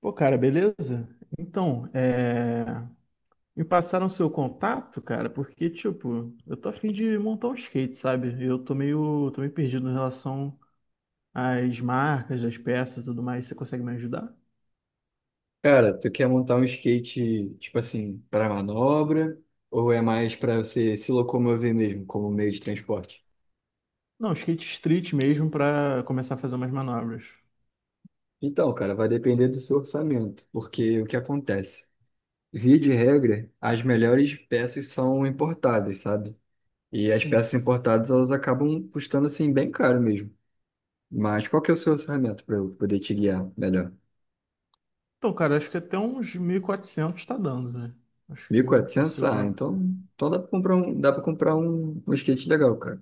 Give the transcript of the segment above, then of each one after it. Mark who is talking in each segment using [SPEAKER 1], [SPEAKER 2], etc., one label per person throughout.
[SPEAKER 1] Pô, cara, beleza? Então, me passaram o seu contato, cara, porque, tipo, eu tô a fim de montar um skate, sabe? Eu tô meio perdido em relação às marcas, às peças e tudo mais. Você consegue me ajudar?
[SPEAKER 2] Cara, tu quer montar um skate, tipo assim, para manobra ou é mais para você se locomover mesmo como meio de transporte?
[SPEAKER 1] Não, skate street mesmo pra começar a fazer umas manobras.
[SPEAKER 2] Então, cara, vai depender do seu orçamento, porque o que acontece? Via de regra, as melhores peças são importadas, sabe? E as
[SPEAKER 1] Sim.
[SPEAKER 2] peças importadas, elas acabam custando assim bem caro mesmo. Mas qual que é o seu orçamento para eu poder te guiar melhor?
[SPEAKER 1] Então, cara, acho que até uns 1.400 tá dando, né? Acho
[SPEAKER 2] Mil
[SPEAKER 1] que
[SPEAKER 2] e
[SPEAKER 1] eu
[SPEAKER 2] quatrocentos.
[SPEAKER 1] consigo.
[SPEAKER 2] Ah, então, então dá para comprar um, dá para comprar um skate legal, cara.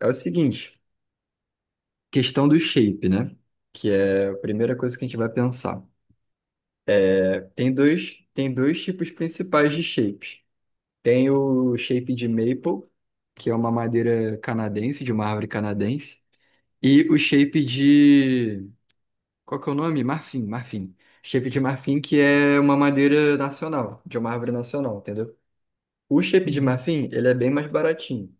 [SPEAKER 2] É o seguinte, questão do shape, né? Que é a primeira coisa que a gente vai pensar. Tem dois tipos principais de shapes. Tem o shape de maple, que é uma madeira canadense, de uma árvore canadense, e o shape de, qual que é o nome? Marfim, marfim. Shape de marfim, que é uma madeira nacional, de uma árvore nacional, entendeu? O shape de
[SPEAKER 1] Uhum,
[SPEAKER 2] marfim, ele é bem mais baratinho.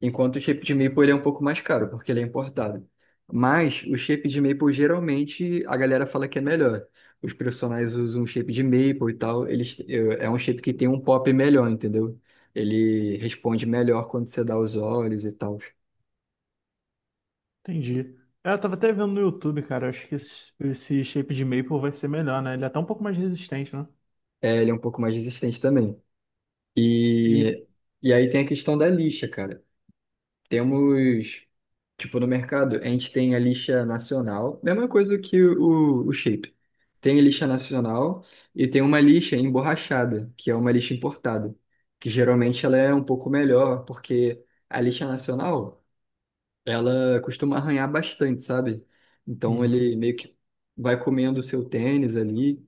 [SPEAKER 2] Enquanto o shape de maple ele é um pouco mais caro, porque ele é importado. Mas o shape de maple geralmente a galera fala que é melhor. Os profissionais usam shape de maple e tal, eles, é um shape que tem um pop melhor, entendeu? Ele responde melhor quando você dá os olhos e tal.
[SPEAKER 1] entendi. É, eu tava até vendo no YouTube, cara. Acho que esse shape de maple vai ser melhor, né? Ele é até um pouco mais resistente, né?
[SPEAKER 2] É, ele é um pouco mais resistente também.
[SPEAKER 1] E
[SPEAKER 2] E, e aí tem a questão da lixa, cara. Temos, tipo, no mercado, a gente tem a lixa nacional, mesma coisa que o shape. Tem a lixa nacional e tem uma lixa emborrachada, que é uma lixa importada, que geralmente ela é um pouco melhor, porque a lixa nacional, ela costuma arranhar bastante, sabe? Então
[SPEAKER 1] Uhum.
[SPEAKER 2] ele meio que vai comendo o seu tênis ali,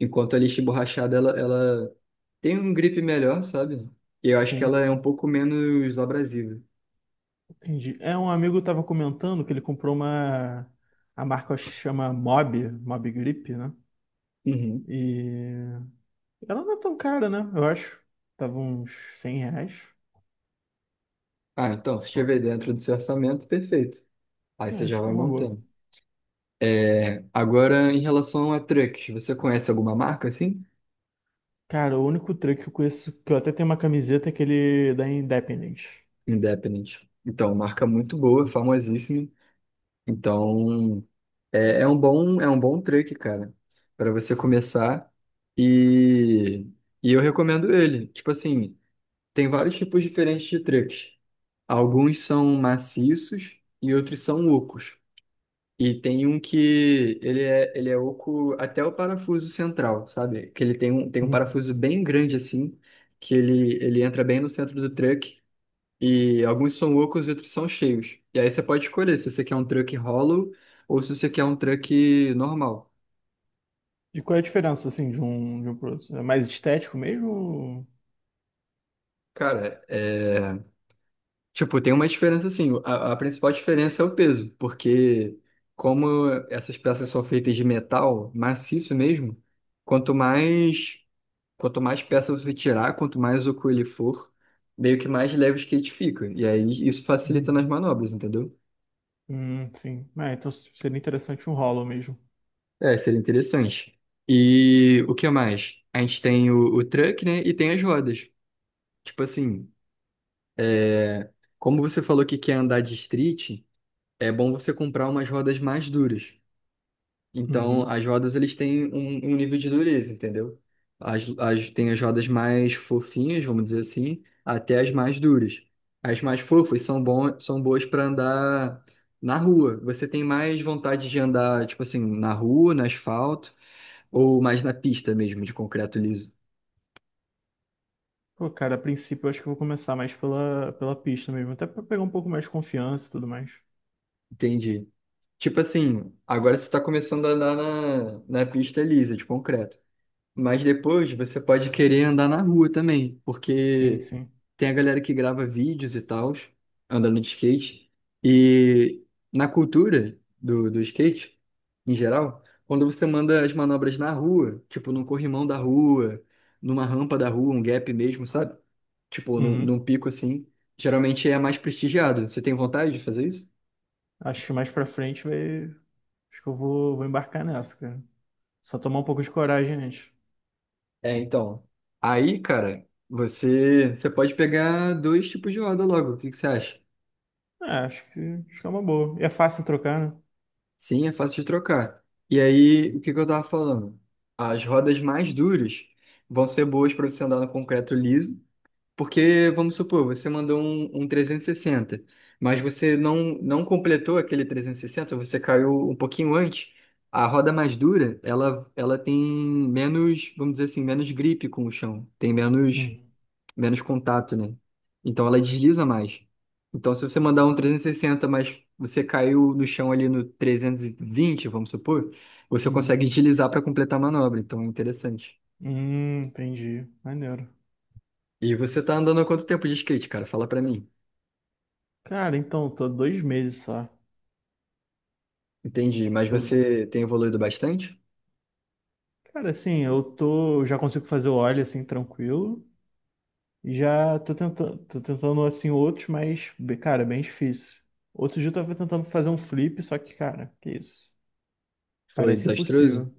[SPEAKER 2] enquanto a lixa emborrachada, ela tem um grip melhor, sabe? E eu acho que
[SPEAKER 1] Sim,
[SPEAKER 2] ela é um pouco menos abrasiva.
[SPEAKER 1] entendi. É, um amigo estava comentando que ele comprou uma. A marca acho que chama Mob Grip, né?
[SPEAKER 2] Uhum.
[SPEAKER 1] E ela não é tão cara, né? Eu acho. Tava uns R$ 100.
[SPEAKER 2] Ah, então, se estiver dentro do seu orçamento, perfeito. Aí
[SPEAKER 1] É,
[SPEAKER 2] você já
[SPEAKER 1] acho que é
[SPEAKER 2] vai
[SPEAKER 1] uma boa.
[SPEAKER 2] montando. É, agora, em relação a trucks, você conhece alguma marca assim?
[SPEAKER 1] Cara, o único truque que eu conheço, que eu até tenho uma camiseta, é aquele da Independence.
[SPEAKER 2] Independent. Então, marca muito boa, famosíssima. Então, é, é um bom truck, cara, para você começar. E, e eu recomendo ele. Tipo assim, tem vários tipos diferentes de trucks. Alguns são maciços e outros são ocos. E tem um que ele é oco até o parafuso central, sabe? Que ele tem um
[SPEAKER 1] Uhum.
[SPEAKER 2] parafuso bem grande assim, que ele entra bem no centro do truck. E alguns são ocos e outros são cheios. E aí você pode escolher se você quer um truck hollow ou se você quer um truck normal.
[SPEAKER 1] E qual é a diferença, assim, de um pro outro? É mais estético mesmo?
[SPEAKER 2] Cara, é... Tipo, tem uma diferença assim. A principal diferença é o peso, porque como essas peças são feitas de metal maciço mesmo, quanto mais. Quanto mais peça você tirar, quanto mais oco ele for, meio que mais leve o skate fica. E aí isso facilita nas
[SPEAKER 1] Uhum.
[SPEAKER 2] manobras, entendeu?
[SPEAKER 1] Sim. Ah, então seria interessante um Hollow mesmo.
[SPEAKER 2] É, seria interessante. E o que mais? A gente tem o truck, né? E tem as rodas. Tipo assim, é, como você falou que quer andar de street, é bom você comprar umas rodas mais duras. Então,
[SPEAKER 1] Uhum.
[SPEAKER 2] as rodas, eles têm um, um nível de dureza, entendeu? Tem as rodas mais fofinhas, vamos dizer assim, até as mais duras. As mais fofas são bom, são boas para andar na rua. Você tem mais vontade de andar, tipo assim, na rua, no asfalto, ou mais na pista mesmo, de concreto liso.
[SPEAKER 1] Pô, cara, a princípio eu acho que eu vou começar mais pela pista mesmo, até pra pegar um pouco mais de confiança e tudo mais.
[SPEAKER 2] Entendi. Tipo assim, agora você está começando a andar na pista lisa, de concreto. Mas depois você pode querer andar na rua também,
[SPEAKER 1] Sim,
[SPEAKER 2] porque
[SPEAKER 1] sim.
[SPEAKER 2] tem a galera que grava vídeos e tal, andando de skate. E na cultura do, do skate, em geral, quando você manda as manobras na rua, tipo num corrimão da rua, numa rampa da rua, um gap mesmo, sabe? Tipo num
[SPEAKER 1] Uhum.
[SPEAKER 2] pico assim, geralmente é mais prestigiado. Você tem vontade de fazer isso?
[SPEAKER 1] Acho que mais pra frente vai. Acho que eu vou embarcar nessa, cara. Só tomar um pouco de coragem antes.
[SPEAKER 2] É, então. Aí, cara, você pode pegar dois tipos de roda logo. O que que você acha?
[SPEAKER 1] É, acho que é uma boa. E é fácil trocar, né?
[SPEAKER 2] Sim, é fácil de trocar. E aí, o que que eu tava falando? As rodas mais duras vão ser boas para você andar no concreto liso, porque, vamos supor, você mandou um 360 mas você não, não completou aquele 360 você caiu um pouquinho antes. A roda mais dura, ela tem menos, vamos dizer assim, menos gripe com o chão, tem menos
[SPEAKER 1] Uhum.
[SPEAKER 2] menos contato, né? Então ela desliza mais. Então, se você mandar um 360, mas você caiu no chão ali no 320, vamos supor, você consegue
[SPEAKER 1] Uhum.
[SPEAKER 2] deslizar para completar a manobra. Então, é interessante.
[SPEAKER 1] Entendi. Maneiro.
[SPEAKER 2] E você tá andando há quanto tempo de skate, cara? Fala para mim.
[SPEAKER 1] Cara, então, tô há 2 meses só.
[SPEAKER 2] Entendi. Mas você tem evoluído bastante?
[SPEAKER 1] Cara, assim, eu tô. Eu já consigo fazer o óleo assim, tranquilo. Já tô tentando assim outros, mas, cara, é bem difícil. Outro dia eu tava tentando fazer um flip, só que, cara, que isso?
[SPEAKER 2] Foi
[SPEAKER 1] Parece
[SPEAKER 2] desastroso?
[SPEAKER 1] impossível.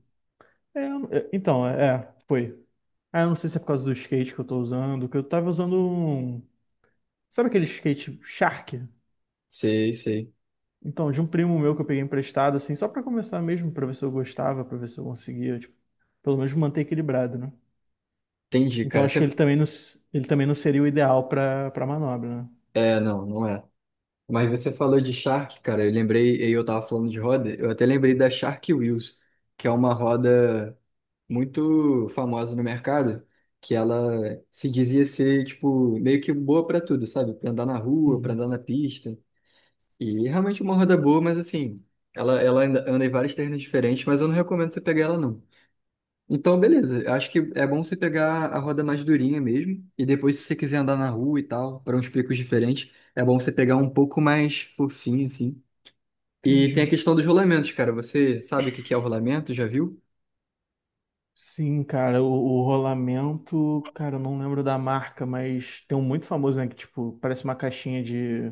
[SPEAKER 1] É, então, foi. Ah, eu não sei se é por causa do skate que eu tô usando, que eu tava usando um. Sabe aquele skate Shark?
[SPEAKER 2] Sei, sei.
[SPEAKER 1] Então, de um primo meu que eu peguei emprestado, assim, só pra começar mesmo, pra ver se eu gostava, pra ver se eu conseguia, tipo, pelo menos manter equilibrado, né?
[SPEAKER 2] Entendi,
[SPEAKER 1] Então
[SPEAKER 2] cara.
[SPEAKER 1] acho
[SPEAKER 2] Você...
[SPEAKER 1] que ele também não seria o ideal pra manobra, né?
[SPEAKER 2] É, não, não é. Mas você falou de Shark, cara. Eu lembrei, eu tava falando de roda, eu até lembrei da Shark Wheels, que é uma roda muito famosa no mercado, que ela se dizia ser, tipo, meio que boa pra tudo, sabe? Pra andar na rua, pra
[SPEAKER 1] Uhum.
[SPEAKER 2] andar na pista. E é realmente uma roda boa, mas assim, ela anda, anda em vários terrenos diferentes, mas eu não recomendo você pegar ela, não. Então, beleza, eu acho que é bom você pegar a roda mais durinha mesmo, e depois, se você quiser andar na rua e tal, para uns picos diferentes, é bom você pegar um pouco mais fofinho, assim. E tem a
[SPEAKER 1] Entendi.
[SPEAKER 2] questão dos rolamentos, cara. Você sabe o que que é o rolamento? Já viu?
[SPEAKER 1] Sim, cara, o rolamento, cara, eu não lembro da marca, mas tem um muito famoso, né? Que, tipo, parece uma caixinha de.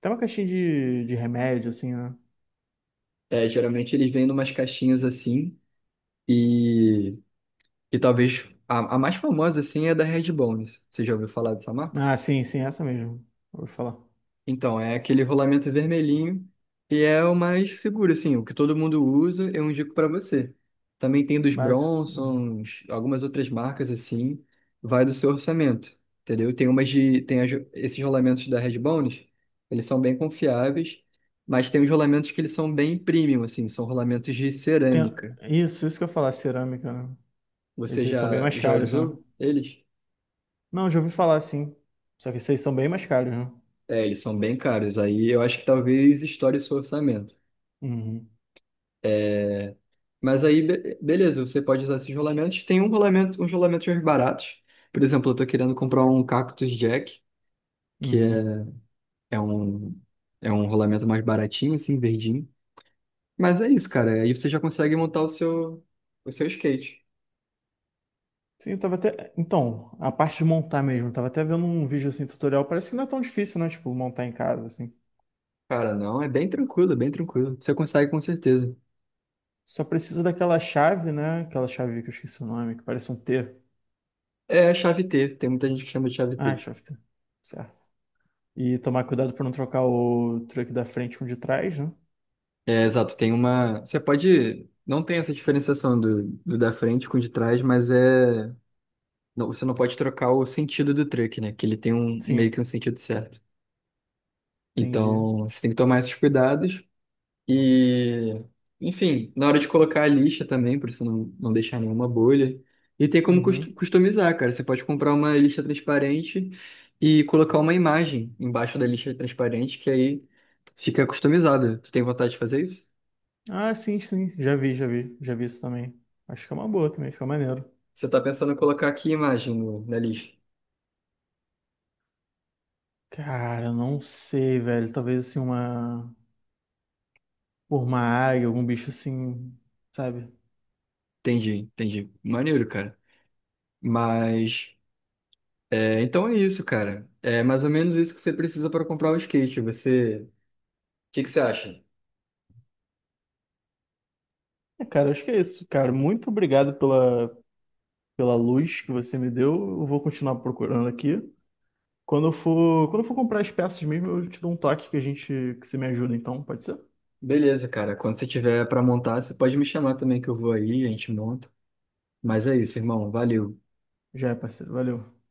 [SPEAKER 1] Tem uma caixinha de remédio, assim, né?
[SPEAKER 2] É, geralmente eles vêm em caixinhas assim. E, e talvez a mais famosa, assim, é da Red Bones. Você já ouviu falar dessa marca?
[SPEAKER 1] Ah, sim, sim, é essa mesmo. Vou falar.
[SPEAKER 2] Então, é aquele rolamento vermelhinho e é o mais seguro, assim, o que todo mundo usa, eu indico para você. Também tem dos
[SPEAKER 1] Uhum.
[SPEAKER 2] Bronsons, algumas outras marcas, assim, vai do seu orçamento, entendeu? Tem umas de, tem as- esses rolamentos da Red Bones, eles são bem confiáveis, mas tem os rolamentos que eles são bem premium, assim, são rolamentos de
[SPEAKER 1] Tem...
[SPEAKER 2] cerâmica.
[SPEAKER 1] Isso, isso que eu ia falar, cerâmica, né?
[SPEAKER 2] Você
[SPEAKER 1] Esses aí são bem
[SPEAKER 2] já,
[SPEAKER 1] mais
[SPEAKER 2] já
[SPEAKER 1] caros, né?
[SPEAKER 2] usou eles?
[SPEAKER 1] Não, já ouvi falar, sim. Só que esses aí são bem mais caros, né?
[SPEAKER 2] É, eles são bem caros. Aí eu acho que talvez estoure seu orçamento.
[SPEAKER 1] Uhum,
[SPEAKER 2] É, mas aí, beleza, você pode usar esses rolamentos. Tem um rolamento, uns rolamentos mais baratos. Por exemplo, eu tô querendo comprar um Cactus Jack, que é,
[SPEAKER 1] uhum.
[SPEAKER 2] é um, é um rolamento mais baratinho, assim, verdinho. Mas é isso, cara. Aí você já consegue montar o seu skate.
[SPEAKER 1] Sim, eu tava até. Então, a parte de montar mesmo, eu tava até vendo um vídeo assim, tutorial. Parece que não é tão difícil, né? Tipo, montar em casa, assim.
[SPEAKER 2] Cara, não, é bem tranquilo, é bem tranquilo. Você consegue com certeza.
[SPEAKER 1] Só precisa daquela chave, né? Aquela chave que eu esqueci o nome, que parece um T.
[SPEAKER 2] É a chave T, tem muita gente que chama de chave
[SPEAKER 1] Ah,
[SPEAKER 2] T.
[SPEAKER 1] chave T. Certo. E tomar cuidado pra não trocar o truque da frente com o de trás, né?
[SPEAKER 2] É, exato, tem uma. Você pode. Não tem essa diferenciação do, do da frente com o de trás, mas é. Você não pode trocar o sentido do truck, né? Que ele tem um meio que
[SPEAKER 1] Sim,
[SPEAKER 2] um sentido certo.
[SPEAKER 1] entendi.
[SPEAKER 2] Então, você tem que tomar esses cuidados. E, enfim, na hora de colocar a lixa também, para você não, não deixar nenhuma bolha. E tem como
[SPEAKER 1] Uhum.
[SPEAKER 2] customizar, cara. Você pode comprar uma lixa transparente e colocar uma imagem embaixo da lixa transparente, que aí fica customizado. Tu tem vontade de fazer isso?
[SPEAKER 1] Ah, sim, sim. Já vi, já vi. Já vi isso também. Acho que é uma boa também, fica maneiro.
[SPEAKER 2] Você tá pensando em colocar aqui, imagem na lista?
[SPEAKER 1] Cara, eu não sei, velho. Talvez assim uma. Por uma águia, algum bicho assim, sabe?
[SPEAKER 2] Entendi, entendi. Maneiro, cara. Mas, é, então é isso, cara. É mais ou menos isso que você precisa para comprar o skate. Você, o que que você acha?
[SPEAKER 1] É, cara, acho que é isso, cara. Muito obrigado pela luz que você me deu. Eu vou continuar procurando aqui. Quando eu for comprar as peças mesmo, eu te dou um toque que a gente que você me ajuda, então, pode ser?
[SPEAKER 2] Beleza, cara. Quando você tiver para montar, você pode me chamar também que eu vou aí, a gente monta. Mas é isso, irmão. Valeu.
[SPEAKER 1] Já é, parceiro. Valeu.